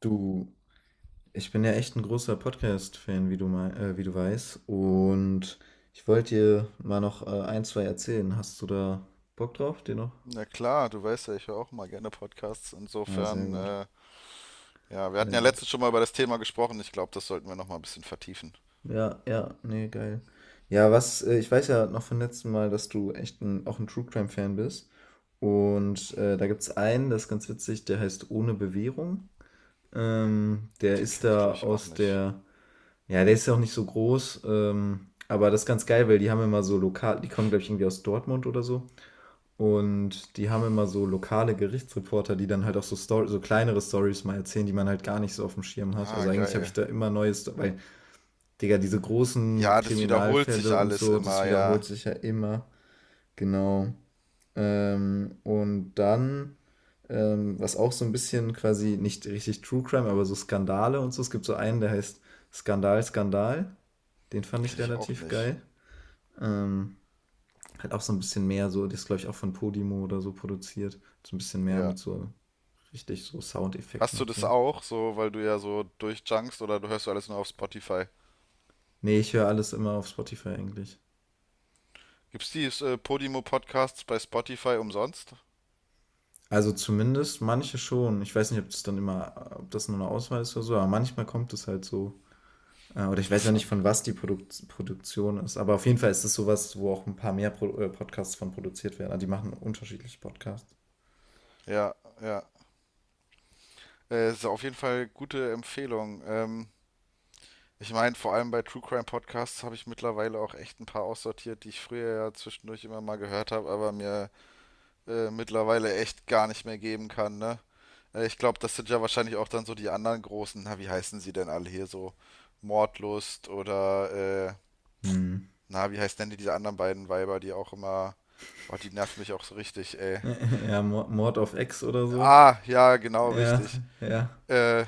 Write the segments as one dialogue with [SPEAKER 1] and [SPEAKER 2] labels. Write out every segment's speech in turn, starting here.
[SPEAKER 1] Du, ich bin ja echt ein großer Podcast-Fan, wie du wie du weißt. Und ich wollte dir mal noch ein, zwei erzählen. Hast du da Bock drauf, dir noch?
[SPEAKER 2] Na klar, du weißt ja, ich höre auch mal gerne Podcasts.
[SPEAKER 1] Ah, sehr
[SPEAKER 2] Insofern,
[SPEAKER 1] gut,
[SPEAKER 2] ja, wir hatten
[SPEAKER 1] sehr
[SPEAKER 2] ja
[SPEAKER 1] gut.
[SPEAKER 2] letztens schon mal über das Thema gesprochen. Ich glaube, das sollten wir noch mal ein bisschen vertiefen.
[SPEAKER 1] Ja, ja, nee, geil. Ja, ich weiß ja noch vom letzten Mal, dass auch ein True Crime-Fan bist. Und da gibt's einen, das ist ganz witzig, der heißt Ohne Bewährung. Der
[SPEAKER 2] Den
[SPEAKER 1] ist
[SPEAKER 2] kenne ich, glaube
[SPEAKER 1] da
[SPEAKER 2] ich, auch
[SPEAKER 1] aus
[SPEAKER 2] nicht.
[SPEAKER 1] der. Ja, der ist ja auch nicht so groß, aber das ist ganz geil, weil die haben immer so lokal, die kommen, glaube ich, irgendwie aus Dortmund oder so. Und die haben immer so lokale Gerichtsreporter, die dann halt auch so, Story, so kleinere Stories mal erzählen, die man halt gar nicht so auf dem Schirm hat.
[SPEAKER 2] Ah,
[SPEAKER 1] Also eigentlich habe ich
[SPEAKER 2] geil.
[SPEAKER 1] da immer Neues, weil, Digga, diese großen
[SPEAKER 2] Ja, das wiederholt sich
[SPEAKER 1] Kriminalfälle und
[SPEAKER 2] alles
[SPEAKER 1] so, das
[SPEAKER 2] immer,
[SPEAKER 1] wiederholt
[SPEAKER 2] ja.
[SPEAKER 1] sich ja immer. Genau. Ähm, und dann, was auch so ein bisschen quasi nicht richtig True Crime, aber so Skandale und so. Es gibt so einen, der heißt Skandal, Skandal. Den fand ich
[SPEAKER 2] Kenne ich auch
[SPEAKER 1] relativ
[SPEAKER 2] nicht.
[SPEAKER 1] geil. Ähm, hat auch so ein bisschen mehr, so, das ist glaube ich auch von Podimo oder so produziert. So ein bisschen mehr
[SPEAKER 2] Ja.
[SPEAKER 1] mit so richtig so Soundeffekten
[SPEAKER 2] Hast du
[SPEAKER 1] und
[SPEAKER 2] das
[SPEAKER 1] so.
[SPEAKER 2] auch, so, weil du ja so durchjunkst oder du hörst du alles nur auf Spotify?
[SPEAKER 1] Nee, ich höre alles immer auf Spotify eigentlich.
[SPEAKER 2] Gibt's die Podimo Podcasts bei Spotify umsonst?
[SPEAKER 1] Also zumindest manche schon. Ich weiß nicht, ob das dann immer, ob das nur eine Auswahl ist oder so, aber manchmal kommt es halt so. Oder ich weiß ja nicht,
[SPEAKER 2] Interessant.
[SPEAKER 1] von was die Produktion ist, aber auf jeden Fall ist es sowas, wo auch ein paar mehr Pro Podcasts von produziert werden. Also die machen unterschiedliche Podcasts.
[SPEAKER 2] Ja, ja. Ist auf jeden Fall gute Empfehlung. Ich meine, vor allem bei True Crime Podcasts habe ich mittlerweile auch echt ein paar aussortiert, die ich früher ja zwischendurch immer mal gehört habe, aber mir mittlerweile echt gar nicht mehr geben kann, ne? Ich glaube, das sind ja wahrscheinlich auch dann so die anderen großen, na, wie heißen sie denn alle hier so? Mordlust oder,
[SPEAKER 1] Hm.
[SPEAKER 2] na, wie heißt denn diese anderen beiden Weiber, die auch immer, oh, die nerven mich auch so richtig, ey.
[SPEAKER 1] Ja, Mord auf Ex oder so.
[SPEAKER 2] Ah, ja, genau,
[SPEAKER 1] Ja,
[SPEAKER 2] richtig.
[SPEAKER 1] ja.
[SPEAKER 2] Äh,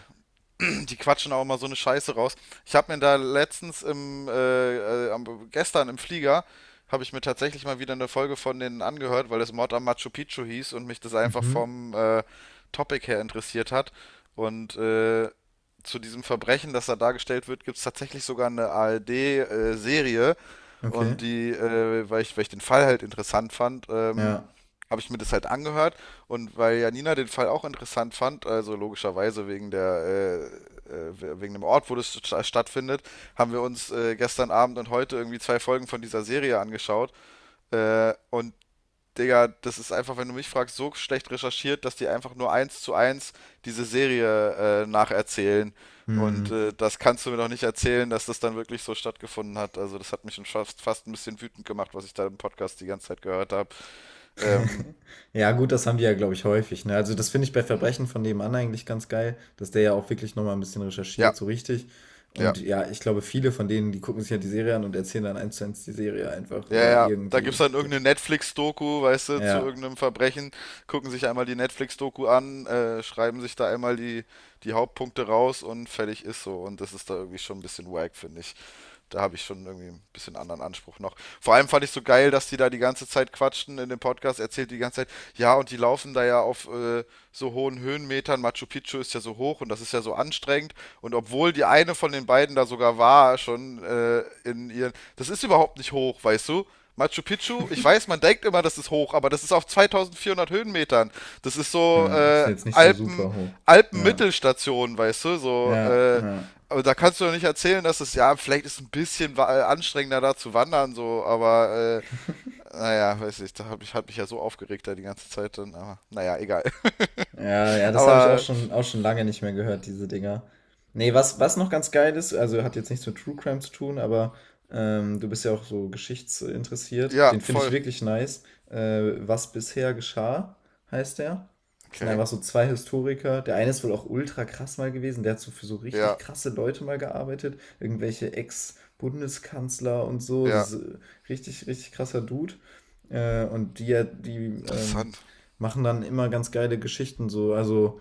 [SPEAKER 2] die quatschen auch immer so eine Scheiße raus. Ich habe mir da letztens gestern im Flieger, habe ich mir tatsächlich mal wieder eine Folge von denen angehört, weil es Mord am Machu Picchu hieß und mich das einfach
[SPEAKER 1] Mhm.
[SPEAKER 2] vom Topic her interessiert hat. Und zu diesem Verbrechen, das da dargestellt wird, gibt es tatsächlich sogar eine ARD-Serie.
[SPEAKER 1] Okay.
[SPEAKER 2] Und die, weil ich den Fall halt interessant fand,
[SPEAKER 1] Ja.
[SPEAKER 2] habe ich mir das halt angehört und weil Janina den Fall auch interessant fand, also logischerweise wegen der wegen dem Ort, wo das stattfindet, haben wir uns gestern Abend und heute irgendwie zwei Folgen von dieser Serie angeschaut und Digga, das ist einfach, wenn du mich fragst, so schlecht recherchiert, dass die einfach nur eins zu eins diese Serie nacherzählen.
[SPEAKER 1] Hm.
[SPEAKER 2] Und das kannst du mir doch nicht erzählen, dass das dann wirklich so stattgefunden hat. Also das hat mich schon fast, fast ein bisschen wütend gemacht, was ich da im Podcast die ganze Zeit gehört habe. Ähm,
[SPEAKER 1] Ja, gut, das haben die ja, glaube ich, häufig. Ne? Also, das finde ich bei Verbrechen von nebenan eigentlich ganz geil, dass der ja auch wirklich nochmal ein bisschen
[SPEAKER 2] ja,
[SPEAKER 1] recherchiert, so richtig.
[SPEAKER 2] ja.
[SPEAKER 1] Und ja, ich glaube, viele von denen, die gucken sich ja die Serie an und erzählen dann eins zu eins die Serie einfach
[SPEAKER 2] Ja,
[SPEAKER 1] oder
[SPEAKER 2] ja, da
[SPEAKER 1] irgendwie
[SPEAKER 2] gibt's dann
[SPEAKER 1] den.
[SPEAKER 2] irgendeine Netflix-Doku, weißt du, zu
[SPEAKER 1] Ja,
[SPEAKER 2] irgendeinem Verbrechen, gucken sich einmal die Netflix-Doku an, schreiben sich da einmal die Hauptpunkte raus und fertig ist so. Und das ist da irgendwie schon ein bisschen wack, finde ich, da habe ich schon irgendwie ein bisschen anderen Anspruch noch. Vor allem fand ich so geil, dass die da die ganze Zeit quatschen in dem Podcast, erzählt die ganze Zeit, ja, und die laufen da ja auf so hohen Höhenmetern, Machu Picchu ist ja so hoch und das ist ja so anstrengend. Und obwohl die eine von den beiden da sogar war, schon in ihren, das ist überhaupt nicht hoch, weißt du? Machu Picchu, ich weiß, man denkt immer, das ist hoch, aber das ist auf 2400 Höhenmetern. Das ist so
[SPEAKER 1] ja, ist
[SPEAKER 2] äh,
[SPEAKER 1] jetzt nicht so
[SPEAKER 2] Alpen,
[SPEAKER 1] super hoch. Ja,
[SPEAKER 2] Alpenmittelstation, weißt du, so
[SPEAKER 1] ja,
[SPEAKER 2] äh,
[SPEAKER 1] ja.
[SPEAKER 2] aber da kannst du doch nicht erzählen, dass es ja vielleicht ist ein bisschen anstrengender da zu wandern, so, naja, weiß nicht, da hab ich, hat mich ja so aufgeregt da die ganze Zeit dann, aber naja, egal.
[SPEAKER 1] Ja, ja, das habe ich
[SPEAKER 2] Aber
[SPEAKER 1] auch schon lange nicht mehr gehört, diese Dinger. Nee, was, was noch ganz geil ist, also hat jetzt nichts mit True Crime zu tun, aber du bist ja auch so geschichtsinteressiert.
[SPEAKER 2] ja,
[SPEAKER 1] Den finde ich
[SPEAKER 2] voll.
[SPEAKER 1] wirklich nice. Was bisher geschah, heißt der. Das sind
[SPEAKER 2] Okay.
[SPEAKER 1] einfach so zwei Historiker. Der eine ist wohl auch ultra krass mal gewesen. Der hat so für so richtig
[SPEAKER 2] Ja,
[SPEAKER 1] krasse Leute mal gearbeitet. Irgendwelche Ex-Bundeskanzler und so.
[SPEAKER 2] ja,
[SPEAKER 1] Das ist richtig, richtig krasser Dude. Und die ähm,
[SPEAKER 2] interessant.
[SPEAKER 1] machen dann immer ganz geile Geschichten so. Also,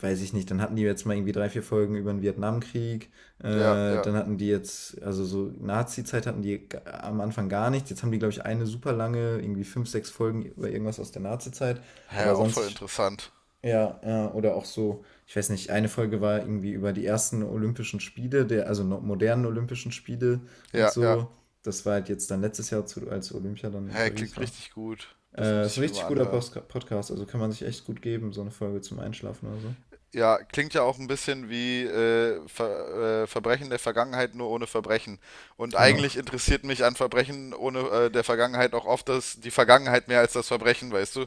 [SPEAKER 1] weiß ich nicht, dann hatten die jetzt mal irgendwie drei, vier Folgen über den Vietnamkrieg.
[SPEAKER 2] Ja, ja.
[SPEAKER 1] Dann hatten die jetzt, also so Nazi-Zeit hatten am Anfang gar nichts. Jetzt haben die, glaube ich, eine super lange, irgendwie fünf, sechs Folgen über irgendwas aus der Nazi-Zeit.
[SPEAKER 2] Hä,
[SPEAKER 1] Aber
[SPEAKER 2] auch voll interessant.
[SPEAKER 1] ja, ja, oder auch so, ich weiß nicht, eine Folge war irgendwie über die ersten Olympischen Spiele, also modernen Olympischen Spiele und
[SPEAKER 2] Ja, ja.
[SPEAKER 1] so. Das war halt jetzt dann letztes Jahr, zu, als Olympia dann in
[SPEAKER 2] Hä,
[SPEAKER 1] Paris
[SPEAKER 2] klingt
[SPEAKER 1] war.
[SPEAKER 2] richtig gut. Das muss
[SPEAKER 1] Ist ein
[SPEAKER 2] ich mir
[SPEAKER 1] richtig
[SPEAKER 2] mal
[SPEAKER 1] guter
[SPEAKER 2] anhören.
[SPEAKER 1] Post Podcast, also kann man sich echt gut geben, so eine Folge zum Einschlafen oder so.
[SPEAKER 2] Ja, klingt ja auch ein bisschen wie Verbrechen der Vergangenheit nur ohne Verbrechen. Und
[SPEAKER 1] Genau.
[SPEAKER 2] eigentlich interessiert mich an Verbrechen ohne der Vergangenheit auch oft das, die Vergangenheit mehr als das Verbrechen, weißt du?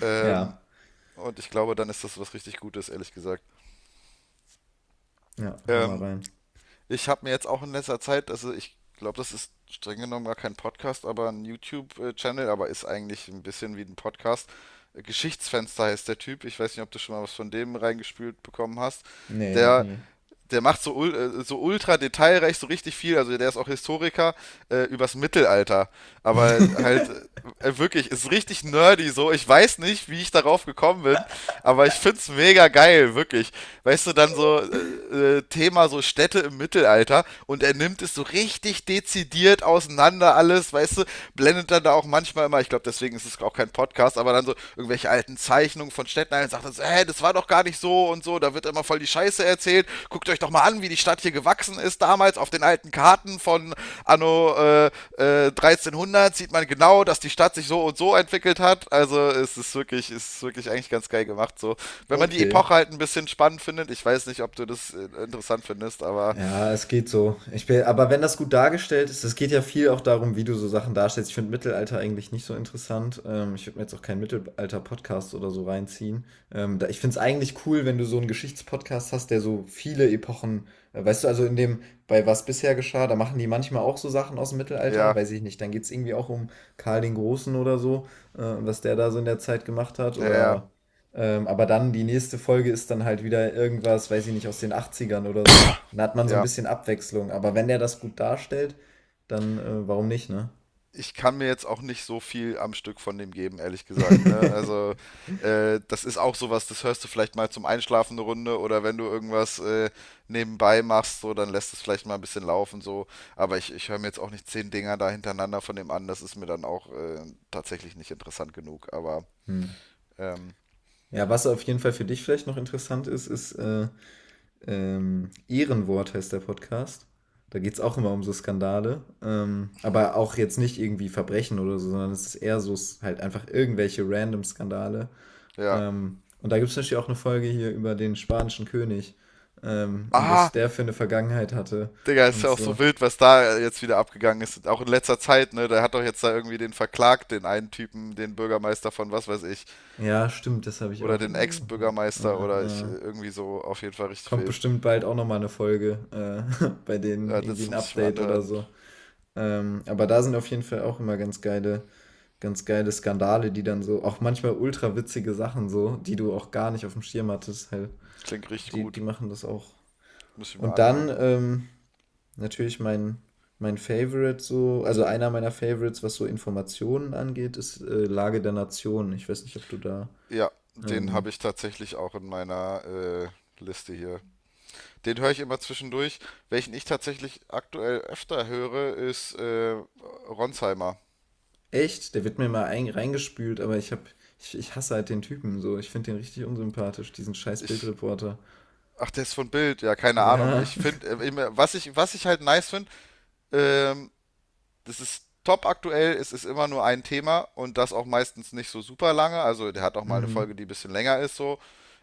[SPEAKER 2] Ähm,
[SPEAKER 1] Ja.
[SPEAKER 2] und ich glaube, dann ist das was richtig Gutes, ehrlich gesagt.
[SPEAKER 1] Ja, hör mal
[SPEAKER 2] Ähm,
[SPEAKER 1] rein.
[SPEAKER 2] Ich habe mir jetzt auch in letzter Zeit, also ich glaube, das ist streng genommen gar kein Podcast, aber ein YouTube-Channel, aber ist eigentlich ein bisschen wie ein Podcast. Geschichtsfenster heißt der Typ. Ich weiß nicht, ob du schon mal was von dem reingespült bekommen hast.
[SPEAKER 1] Nee, noch
[SPEAKER 2] Der
[SPEAKER 1] nie.
[SPEAKER 2] der macht so, so ultra detailreich so richtig viel, also der ist auch Historiker, übers Mittelalter. Aber halt, wirklich, ist richtig nerdy so. Ich weiß nicht, wie ich darauf gekommen bin, aber ich find's mega geil, wirklich. Weißt du, dann so Thema so Städte im Mittelalter und er nimmt es so richtig dezidiert auseinander alles, weißt du, blendet dann da auch manchmal immer, ich glaube, deswegen ist es auch kein Podcast, aber dann so irgendwelche alten Zeichnungen von Städten ein und sagt dann so, hä, das war doch gar nicht so und so, da wird immer voll die Scheiße erzählt. Guckt euch doch mal an, wie die Stadt hier gewachsen ist damals auf den alten Karten von Anno 1300, sieht man genau, dass die Stadt sich so und so entwickelt hat. Also es ist wirklich eigentlich ganz geil gemacht. So, wenn man die
[SPEAKER 1] Okay.
[SPEAKER 2] Epoche halt ein bisschen spannend findet, ich weiß nicht, ob du das interessant findest, aber
[SPEAKER 1] Ja, es geht so. Ich bin, aber wenn das gut dargestellt ist, es geht ja viel auch darum, wie du so Sachen darstellst. Ich finde Mittelalter eigentlich nicht so interessant. Ich würde mir jetzt auch keinen Mittelalter-Podcast oder so reinziehen. Ich finde es eigentlich cool, wenn du so einen Geschichtspodcast hast, der so viele Epochen, weißt du, bei was bisher geschah, da machen die manchmal auch so Sachen aus dem Mittelalter,
[SPEAKER 2] ja,
[SPEAKER 1] weiß ich nicht. Dann geht es irgendwie auch um Karl den Großen oder so, was der da so in der Zeit gemacht hat
[SPEAKER 2] ja, ja,
[SPEAKER 1] oder aber dann die nächste Folge ist dann halt wieder irgendwas, weiß ich nicht, aus den Achtzigern oder so. Dann hat man so ein
[SPEAKER 2] ja,
[SPEAKER 1] bisschen Abwechslung. Aber wenn der das gut darstellt, dann warum nicht, ne?
[SPEAKER 2] ich kann mir jetzt auch nicht so viel am Stück von dem geben, ehrlich gesagt. Ne? Also, das ist auch sowas, das hörst du vielleicht mal zum Einschlafen eine Runde oder wenn du irgendwas nebenbei machst, so, dann lässt es vielleicht mal ein bisschen laufen, so. Aber ich höre mir jetzt auch nicht zehn Dinger da hintereinander von dem an, das ist mir dann auch tatsächlich nicht interessant genug. Aber,
[SPEAKER 1] Hm.
[SPEAKER 2] ähm,
[SPEAKER 1] Ja, was auf jeden Fall für dich vielleicht noch interessant ist, ist Ehrenwort heißt der Podcast. Da geht es auch immer um so Skandale. Aber auch jetzt nicht irgendwie Verbrechen oder so, sondern es ist eher so halt einfach irgendwelche random Skandale.
[SPEAKER 2] ja.
[SPEAKER 1] Und da gibt es natürlich auch eine Folge hier über den spanischen König und was
[SPEAKER 2] Ah,
[SPEAKER 1] der für eine Vergangenheit hatte
[SPEAKER 2] Digga, ist
[SPEAKER 1] und
[SPEAKER 2] ja auch
[SPEAKER 1] so.
[SPEAKER 2] so wild, was da jetzt wieder abgegangen ist. Auch in letzter Zeit, ne? Der hat doch jetzt da irgendwie den verklagt, den einen Typen, den Bürgermeister von was weiß ich.
[SPEAKER 1] Ja, stimmt, das habe ich
[SPEAKER 2] Oder
[SPEAKER 1] auch
[SPEAKER 2] den
[SPEAKER 1] irgendwo.
[SPEAKER 2] Ex-Bürgermeister oder ich
[SPEAKER 1] Ja.
[SPEAKER 2] irgendwie so auf jeden Fall richtig
[SPEAKER 1] Kommt
[SPEAKER 2] wild.
[SPEAKER 1] bestimmt bald auch nochmal eine Folge, bei denen
[SPEAKER 2] Ja,
[SPEAKER 1] irgendwie
[SPEAKER 2] das
[SPEAKER 1] ein
[SPEAKER 2] muss ich mir
[SPEAKER 1] Update oder
[SPEAKER 2] anhören.
[SPEAKER 1] so. Aber da sind auf jeden Fall auch immer ganz geile Skandale, die dann so, auch manchmal ultra witzige Sachen so, die du auch gar nicht auf dem Schirm hattest, halt.
[SPEAKER 2] Klingt richtig
[SPEAKER 1] Die,
[SPEAKER 2] gut.
[SPEAKER 1] die machen das auch.
[SPEAKER 2] Muss ich mir
[SPEAKER 1] Und
[SPEAKER 2] anhören.
[SPEAKER 1] dann, natürlich mein Favorite so, also einer meiner Favorites, was so Informationen angeht, ist Lage der Nation. Ich weiß nicht, ob du da
[SPEAKER 2] Ja, den habe
[SPEAKER 1] ähm,
[SPEAKER 2] ich tatsächlich auch in meiner Liste hier. Den höre ich immer zwischendurch. Welchen ich tatsächlich aktuell öfter höre, ist Ronsheimer.
[SPEAKER 1] echt, der wird mir mal reingespült, aber ich ich hasse halt den Typen so. Ich finde den richtig unsympathisch, diesen scheiß
[SPEAKER 2] Ich,
[SPEAKER 1] Bildreporter.
[SPEAKER 2] ach, der ist von Bild. Ja, keine Ahnung.
[SPEAKER 1] Ja.
[SPEAKER 2] Ich finde, immer- was ich halt nice finde, ähm, das ist top aktuell, es ist immer nur ein Thema und das auch meistens nicht so super lange. Also der hat auch mal eine
[SPEAKER 1] Mm.
[SPEAKER 2] Folge, die ein bisschen länger ist so.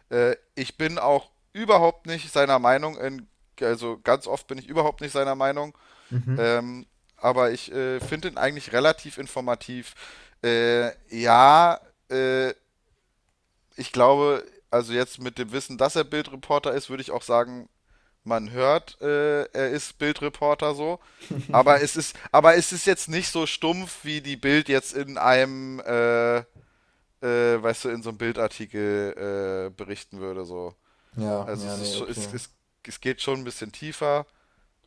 [SPEAKER 2] Ich bin auch überhaupt nicht seiner Meinung, also ganz oft bin ich überhaupt nicht seiner Meinung,
[SPEAKER 1] Mhm.
[SPEAKER 2] ähm, aber ich finde ihn eigentlich relativ informativ. Äh, ja, äh, Ich glaube, also jetzt mit dem Wissen, dass er Bildreporter ist, würde ich auch sagen, man hört, er ist Bildreporter so. Aber es ist jetzt nicht so stumpf, wie die Bild jetzt in einem, weißt du, in so einem Bildartikel berichten würde. So.
[SPEAKER 1] Ja,
[SPEAKER 2] Also
[SPEAKER 1] ja,
[SPEAKER 2] es
[SPEAKER 1] nee,
[SPEAKER 2] ist schon,
[SPEAKER 1] okay.
[SPEAKER 2] es geht schon ein bisschen tiefer.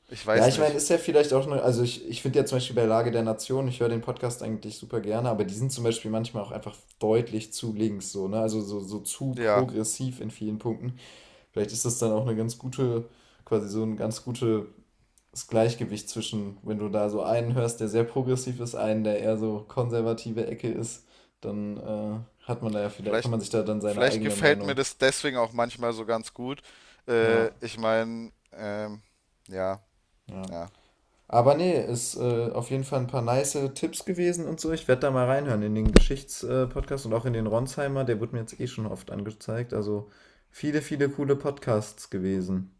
[SPEAKER 2] Ich
[SPEAKER 1] Ja,
[SPEAKER 2] weiß
[SPEAKER 1] ich meine,
[SPEAKER 2] nicht.
[SPEAKER 1] ist ja vielleicht auch eine, also ich finde ja zum Beispiel bei Lage der Nation, ich höre den Podcast eigentlich super gerne, aber die sind zum Beispiel manchmal auch einfach deutlich zu links, so, ne? Also so, so zu
[SPEAKER 2] Ja,
[SPEAKER 1] progressiv in vielen Punkten. Vielleicht ist das dann auch eine ganz gute, quasi so ein ganz gutes Gleichgewicht zwischen, wenn du da so einen hörst, der sehr progressiv ist, einen, der eher so konservative Ecke ist, dann hat man da ja vielleicht, kann
[SPEAKER 2] vielleicht,
[SPEAKER 1] man sich da dann seine
[SPEAKER 2] vielleicht
[SPEAKER 1] eigene
[SPEAKER 2] gefällt mir
[SPEAKER 1] Meinung.
[SPEAKER 2] das deswegen auch manchmal so ganz gut.
[SPEAKER 1] Ja,
[SPEAKER 2] Ich meine, ja,
[SPEAKER 1] ja.
[SPEAKER 2] ja.
[SPEAKER 1] Aber nee, ist auf jeden Fall ein paar nice Tipps gewesen und so. Ich werde da mal reinhören in den Geschichtspodcast und auch in den Ronsheimer. Der wird mir jetzt eh schon oft angezeigt. Also viele, viele coole Podcasts gewesen.